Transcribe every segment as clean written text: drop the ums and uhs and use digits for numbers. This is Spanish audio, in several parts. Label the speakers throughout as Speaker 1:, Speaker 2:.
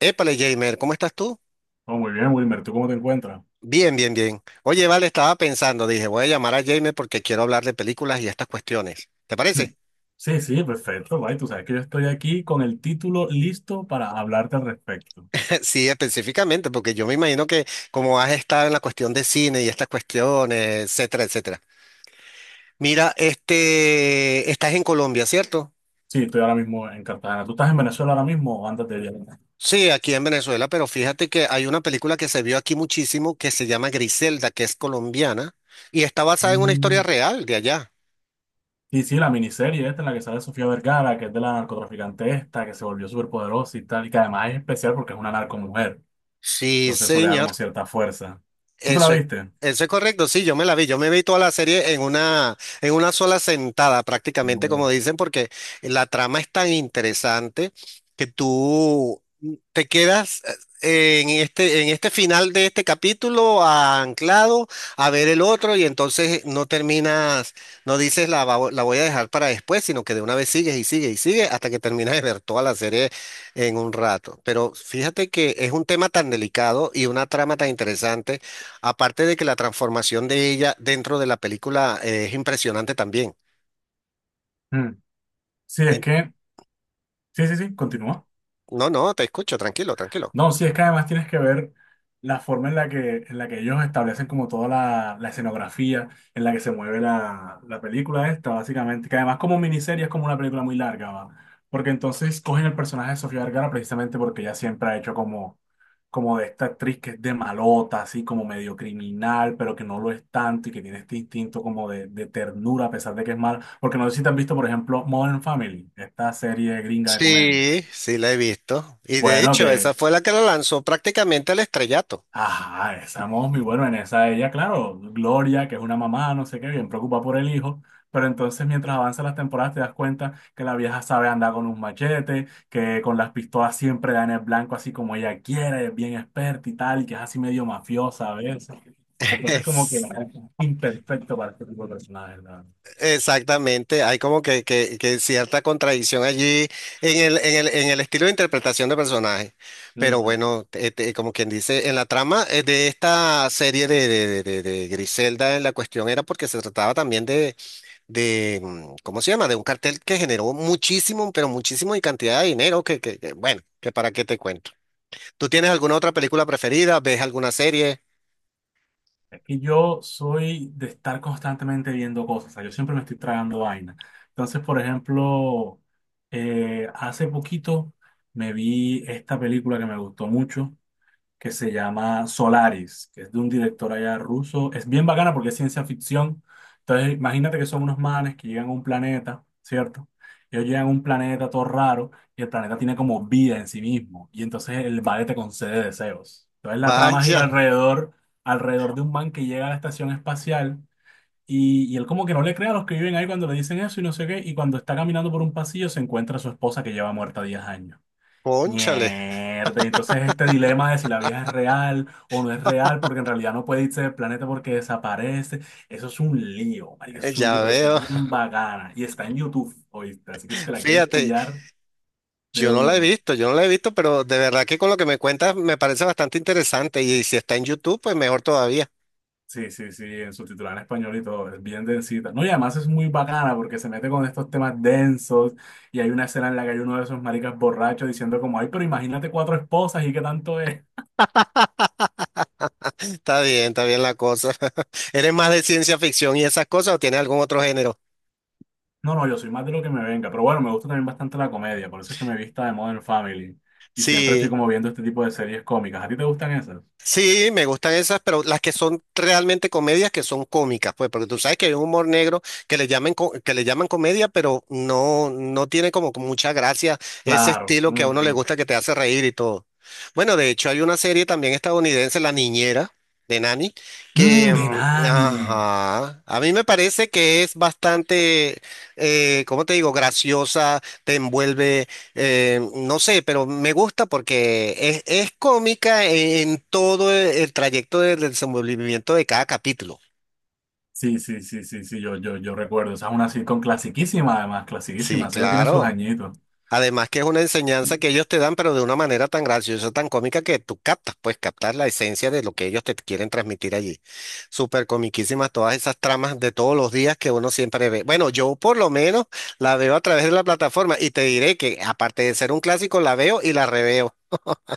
Speaker 1: Épale, Jamer, ¿cómo estás tú?
Speaker 2: Oh, muy bien, Wilmer, ¿tú cómo te encuentras?
Speaker 1: Bien, bien, bien. Oye, vale, estaba pensando, dije, voy a llamar a Jamer porque quiero hablar de películas y estas cuestiones. ¿Te
Speaker 2: Hmm.
Speaker 1: parece?
Speaker 2: Sí, sí, perfecto, bye. Tú sabes que yo estoy aquí con el título listo para hablarte al respecto.
Speaker 1: Sí, específicamente, porque yo me imagino que como has estado en la cuestión de cine y estas cuestiones, etcétera, etcétera. Mira, este, estás en Colombia, ¿cierto?
Speaker 2: Sí, estoy ahora mismo en Cartagena. ¿Tú estás en Venezuela ahora mismo o antes de viajar?
Speaker 1: Sí, aquí en Venezuela, pero fíjate que hay una película que se vio aquí muchísimo que se llama Griselda, que es colombiana y está basada en una historia
Speaker 2: Mm,
Speaker 1: real de allá.
Speaker 2: sí, sí, la miniserie esta en la que sale Sofía Vergara, que es de la narcotraficante esta, que se volvió superpoderosa y tal, y que además es especial porque es una narcomujer.
Speaker 1: Sí,
Speaker 2: Entonces eso le da como
Speaker 1: señor.
Speaker 2: cierta fuerza. ¿Tú te la
Speaker 1: Eso es,
Speaker 2: viste?
Speaker 1: eso es correcto, sí, yo me la vi, yo me vi toda la serie en una sola sentada, prácticamente como
Speaker 2: No.
Speaker 1: dicen, porque la trama es tan interesante que tú te quedas en este final de este capítulo anclado a ver el otro y entonces no terminas, no dices la, la voy a dejar para después, sino que de una vez sigues y sigues y sigues hasta que terminas de ver toda la serie en un rato. Pero fíjate que es un tema tan delicado y una trama tan interesante. Aparte de que la transformación de ella dentro de la película es impresionante también.
Speaker 2: Mm, sí, es
Speaker 1: Eh,
Speaker 2: que... Sí, sí, sí, continúa.
Speaker 1: no, no, te escucho, tranquilo, tranquilo.
Speaker 2: No, sí, es que además tienes que ver la forma en la que ellos establecen como toda la escenografía en la que se mueve la película esta, básicamente, que además como miniserie es como una película muy larga, ¿va? Porque entonces cogen el personaje de Sofía Vergara precisamente porque ella siempre ha hecho como, como de esta actriz que es de malota, así como medio criminal, pero que no lo es tanto y que tiene este instinto como de ternura a pesar de que es mala. Porque no sé si te has visto, por ejemplo, Modern Family, esta serie gringa de comedia.
Speaker 1: Sí, sí la he visto. Y de
Speaker 2: Bueno,
Speaker 1: hecho,
Speaker 2: que
Speaker 1: esa fue la que la lanzó prácticamente al estrellato.
Speaker 2: ajá, esa muy bueno, en esa ella, claro, Gloria, que es una mamá, no sé qué, bien preocupada por el hijo, pero entonces mientras avanzan las temporadas te das cuenta que la vieja sabe andar con un machete, que con las pistolas siempre da en el blanco así como ella quiere, es bien experta y tal, y que es así medio mafiosa a veces. Entonces como que es
Speaker 1: Es-
Speaker 2: imperfecto para este tipo de personajes,
Speaker 1: Exactamente, hay como que, que cierta contradicción allí en el, en el, en el estilo de interpretación de personaje. Pero
Speaker 2: ¿verdad?
Speaker 1: bueno, este, como quien dice, en la trama de esta serie de, de Griselda, en la cuestión era porque se trataba también de, ¿cómo se llama? De un cartel que generó muchísimo, pero muchísimo y cantidad de dinero que, bueno, que para qué te cuento. ¿Tú tienes alguna otra película preferida? ¿Ves alguna serie?
Speaker 2: Es que yo soy de estar constantemente viendo cosas, o sea, yo siempre me estoy tragando vaina. Entonces, por ejemplo, hace poquito me vi esta película que me gustó mucho, que se llama Solaris, que es de un director allá ruso. Es bien bacana porque es ciencia ficción. Entonces, imagínate que son unos manes que llegan a un planeta, ¿cierto? Ellos llegan a un planeta todo raro y el planeta tiene como vida en sí mismo. Y entonces el vale te concede deseos. Entonces la trama gira
Speaker 1: Vaya,
Speaker 2: alrededor, alrededor de un man que llega a la estación espacial y él como que no le cree a los que viven ahí cuando le dicen eso y no sé qué. Y cuando está caminando por un pasillo se encuentra a su esposa que lleva muerta 10 años.
Speaker 1: cónchale,
Speaker 2: Mierda, y entonces este dilema de si la vieja es real o no es real, porque en realidad no puede irse del planeta porque desaparece, eso es un lío, marica, eso es un lío,
Speaker 1: ya
Speaker 2: pero es
Speaker 1: veo.
Speaker 2: bien bacana y está en YouTube, ¿oíste? Así que si te la quieres
Speaker 1: Fíjate,
Speaker 2: pillar de
Speaker 1: yo no la he
Speaker 2: una.
Speaker 1: visto, yo no la he visto, pero de verdad que con lo que me cuentas me parece bastante interesante y si está en YouTube, pues mejor todavía.
Speaker 2: Sí, sí, sí, en subtitular en español y todo, es bien densita. No, y además es muy bacana porque se mete con estos temas densos y hay una escena en la que hay uno de esos maricas borrachos diciendo como, ay, pero imagínate 4 esposas y qué tanto es.
Speaker 1: Está bien la cosa. ¿Eres más de ciencia ficción y esas cosas o tienes algún otro género?
Speaker 2: No, no, yo soy más de lo que me venga, pero bueno, me gusta también bastante la comedia, por eso es que me vista de Modern Family y siempre estoy
Speaker 1: Sí.
Speaker 2: como viendo este tipo de series cómicas. ¿A ti te gustan esas?
Speaker 1: Sí, me gustan esas, pero las que son realmente comedias que son cómicas, pues, porque tú sabes que hay un humor negro que le llaman que le llaman comedia, pero no no tiene como que mucha gracia ese
Speaker 2: Claro.
Speaker 1: estilo que a uno le
Speaker 2: Ujú.
Speaker 1: gusta que te hace reír y todo. Bueno, de hecho hay una serie también estadounidense, La Niñera de Nanny,
Speaker 2: Mm,
Speaker 1: que
Speaker 2: de
Speaker 1: mm,
Speaker 2: Nani.
Speaker 1: ajá, a mí me parece que es bastante, ¿cómo te digo? Graciosa, te envuelve no sé, pero me gusta porque es cómica en todo el trayecto del desenvolvimiento de cada capítulo.
Speaker 2: Sí, sí, sí, sí, sí, yo recuerdo. Esa es una sitcom clasiquísima, además,
Speaker 1: Sí,
Speaker 2: clasiquísima. Esa ya tiene sus
Speaker 1: claro.
Speaker 2: añitos.
Speaker 1: Además que es una enseñanza que ellos te dan, pero de una manera tan graciosa, tan cómica que tú captas, pues captar la esencia de lo que ellos te quieren transmitir allí. Súper comiquísimas todas esas tramas de todos los días que uno siempre ve. Bueno, yo por lo menos la veo a través de la plataforma y te diré que aparte de ser un clásico, la veo y la reveo.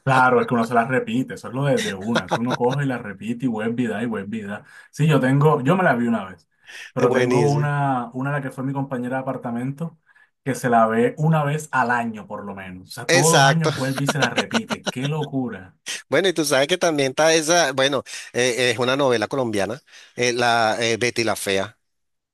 Speaker 2: Claro, es que uno se las repite, eso es lo de una, eso uno coge y las repite y web vida y web vida. Sí, yo tengo, yo me la vi una vez,
Speaker 1: Es
Speaker 2: pero tengo
Speaker 1: buenísimo.
Speaker 2: una la que fue mi compañera de apartamento, que se la ve una vez al año por lo menos. O sea, todos los
Speaker 1: Exacto.
Speaker 2: años vuelve y se la repite. ¡Qué locura!
Speaker 1: Bueno, y tú sabes que también está esa, bueno, es una novela colombiana, la Betty la Fea.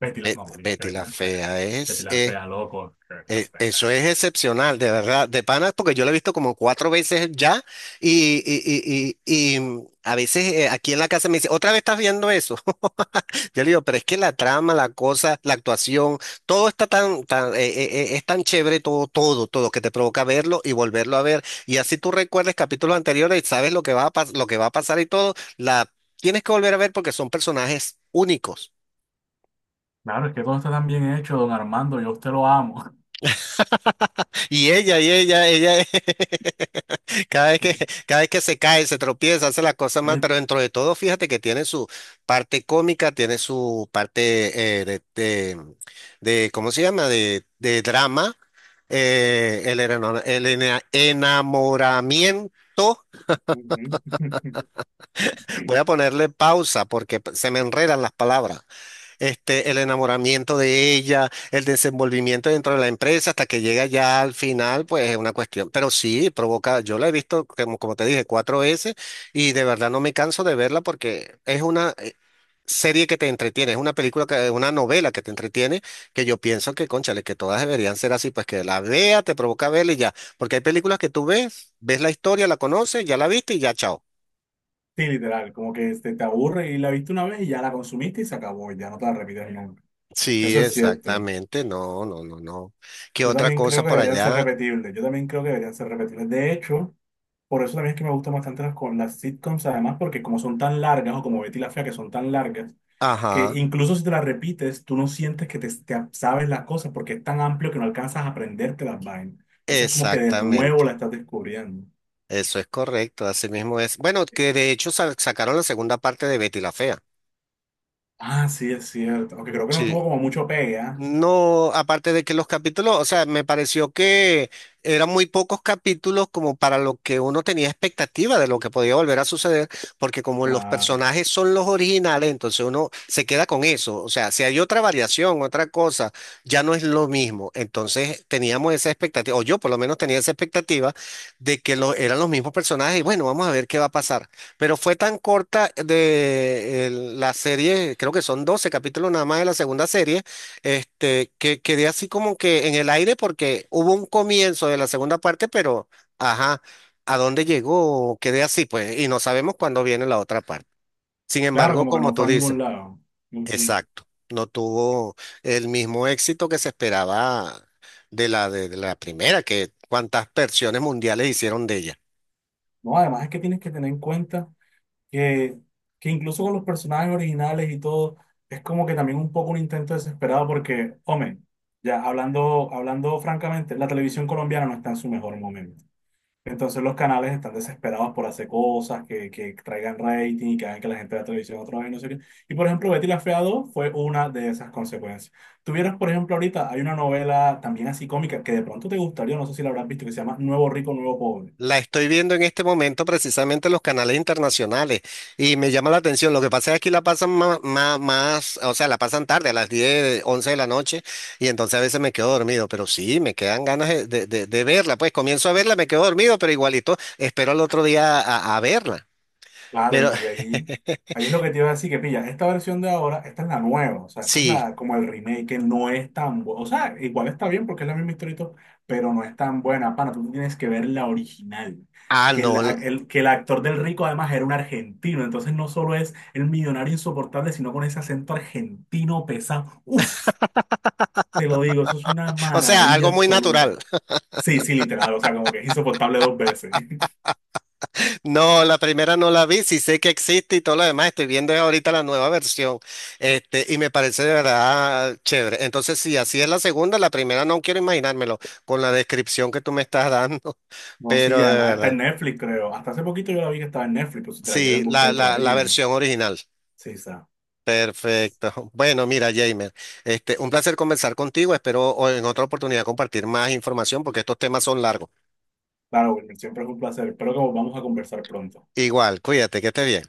Speaker 2: Betty la, no, María, que
Speaker 1: Betty
Speaker 2: Betty
Speaker 1: la
Speaker 2: la fea.
Speaker 1: Fea
Speaker 2: Betty
Speaker 1: es,
Speaker 2: la fea, loco, que Betty la fea.
Speaker 1: eso es excepcional, de verdad, de panas, porque yo lo he visto como 4 veces ya y, a veces aquí en la casa me dice, otra vez estás viendo eso. Yo le digo, pero es que la trama, la cosa, la actuación, todo está tan, tan es tan chévere, todo, todo, todo, que te provoca verlo y volverlo a ver. Y así tú recuerdes capítulos anteriores y sabes lo que va a lo que va a pasar y todo, la tienes que volver a ver porque son personajes únicos.
Speaker 2: Claro, es que todo está tan bien hecho, don Armando, yo a usted lo amo.
Speaker 1: Y ella, ella. Cada vez que, cada vez que se cae, se tropieza, hace las cosas mal,
Speaker 2: Eh,
Speaker 1: pero dentro de todo, fíjate que tiene su parte cómica, tiene su parte ¿cómo se llama? De drama, el, eno- el ena- enamoramiento.
Speaker 2: Ujú.
Speaker 1: Voy a ponerle pausa porque se me enredan las palabras este, el enamoramiento de ella, el desenvolvimiento dentro de la empresa, hasta que llega ya al final, pues es una cuestión. Pero sí, provoca, yo la he visto, como, como te dije, 4 veces y de verdad no me canso de verla porque es una serie que te entretiene, es una película, que, una novela que te entretiene, que yo pienso que, cónchale, que todas deberían ser así, pues que la vea, te provoca verla y ya. Porque hay películas que tú ves, ves la historia, la conoces, ya la viste y ya, chao.
Speaker 2: Sí, literal, como que este, te aburre y la viste una vez y ya la consumiste y se acabó, y ya no te la repites nunca.
Speaker 1: Sí,
Speaker 2: Eso es cierto.
Speaker 1: exactamente, no, no, no, no. ¿Qué
Speaker 2: Yo
Speaker 1: otra
Speaker 2: también
Speaker 1: cosa
Speaker 2: creo que
Speaker 1: por
Speaker 2: deberían ser
Speaker 1: allá?
Speaker 2: repetibles, yo también creo que deberían ser repetibles. De hecho, por eso también es que me gustan bastante las, con las sitcoms, además porque como son tan largas, o como Betty la Fea, que son tan largas, que
Speaker 1: Ajá,
Speaker 2: incluso si te las repites, tú no sientes que te sabes las cosas porque es tan amplio que no alcanzas a aprenderte las vainas. Entonces es como que de nuevo la
Speaker 1: exactamente.
Speaker 2: estás descubriendo.
Speaker 1: Eso es correcto, así mismo es. Bueno, que de hecho sacaron la segunda parte de Betty la Fea.
Speaker 2: Ah, sí, es cierto. Aunque creo que no
Speaker 1: Sí.
Speaker 2: tuvo como mucho pega.
Speaker 1: No, aparte de que los capítulos, o sea, me pareció que eran muy pocos capítulos como para lo que uno tenía expectativa de lo que podía volver a suceder, porque como los
Speaker 2: Claro.
Speaker 1: personajes son los originales, entonces uno se queda con eso. O sea, si hay otra variación, otra cosa, ya no es lo mismo. Entonces teníamos esa expectativa, o yo por lo menos tenía esa expectativa de que lo, eran los mismos personajes y bueno, vamos a ver qué va a pasar. Pero fue tan corta de la serie, creo que son 12 capítulos nada más de la segunda serie este, que quedé así como que en el aire porque hubo un comienzo de la segunda parte, pero ajá, ¿a dónde llegó? Quedé así, pues, y no sabemos cuándo viene la otra parte. Sin
Speaker 2: Claro,
Speaker 1: embargo,
Speaker 2: como que
Speaker 1: como
Speaker 2: no
Speaker 1: tú
Speaker 2: fue a ningún
Speaker 1: dices,
Speaker 2: lado. Ujú.
Speaker 1: exacto, no tuvo el mismo éxito que se esperaba de la primera, que cuántas versiones mundiales hicieron de ella.
Speaker 2: No, además es que tienes que tener en cuenta que, que incluso con los personajes originales y todo, es como que también un poco un intento desesperado porque, hombre, ya hablando, hablando francamente, la televisión colombiana no está en su mejor momento. Entonces los canales están desesperados por hacer cosas que traigan rating y que hagan que la gente vea televisión otra vez, no sé qué. Y por ejemplo, Betty la Fea 2 fue una de esas consecuencias. Tuvieras, por ejemplo, ahorita hay una novela también así cómica que de pronto te gustaría, no sé si la habrás visto, que se llama Nuevo Rico, Nuevo Pobre.
Speaker 1: La estoy viendo en este momento precisamente en los canales internacionales y me llama la atención. Lo que pasa es que aquí la pasan más, más, o sea, la pasan tarde, a las 10, 11 de la noche y entonces a veces me quedo dormido, pero sí, me quedan ganas de, de verla. Pues comienzo a verla, me quedo dormido, pero igualito espero al otro día a verla.
Speaker 2: Claro, y
Speaker 1: Pero
Speaker 2: ahí, ahí es lo que te iba a decir, que pilla, esta versión de ahora, esta es la nueva, o sea, esta es
Speaker 1: sí,
Speaker 2: la, como el remake, que no es tan buena, o sea, igual está bien porque es la misma historia, y todo, pero no es tan buena, pana, tú tienes que ver la original,
Speaker 1: ah,
Speaker 2: que el,
Speaker 1: no,
Speaker 2: ac- el- que el actor del rico además era un argentino, entonces no solo es el millonario insoportable, sino con ese acento argentino pesado, uff, te lo digo, eso es una
Speaker 1: o sea,
Speaker 2: maravilla
Speaker 1: algo muy natural.
Speaker 2: absoluta. Sí, sí, literal, o sea, como que es insoportable dos veces.
Speaker 1: No, la primera no la vi, sí sé que existe y todo lo demás, estoy viendo ahorita la nueva versión, este, y me parece de verdad chévere. Entonces, si así es la segunda, la primera no quiero imaginármelo con la descripción que tú me estás dando,
Speaker 2: No, sí, y
Speaker 1: pero de
Speaker 2: además está
Speaker 1: verdad,
Speaker 2: en Netflix, creo. Hasta hace poquito yo la vi que estaba en Netflix, pero si te la quieres
Speaker 1: sí,
Speaker 2: buscar
Speaker 1: la,
Speaker 2: y te la
Speaker 1: la, la
Speaker 2: pillas.
Speaker 1: versión original.
Speaker 2: Sí, está.
Speaker 1: Perfecto. Bueno, mira, Jamer, este, un placer conversar contigo, espero en otra oportunidad compartir más información porque estos temas son largos.
Speaker 2: Claro, Wilmer, siempre es un placer. Espero que volvamos a conversar pronto.
Speaker 1: Igual, cuídate, que estés bien.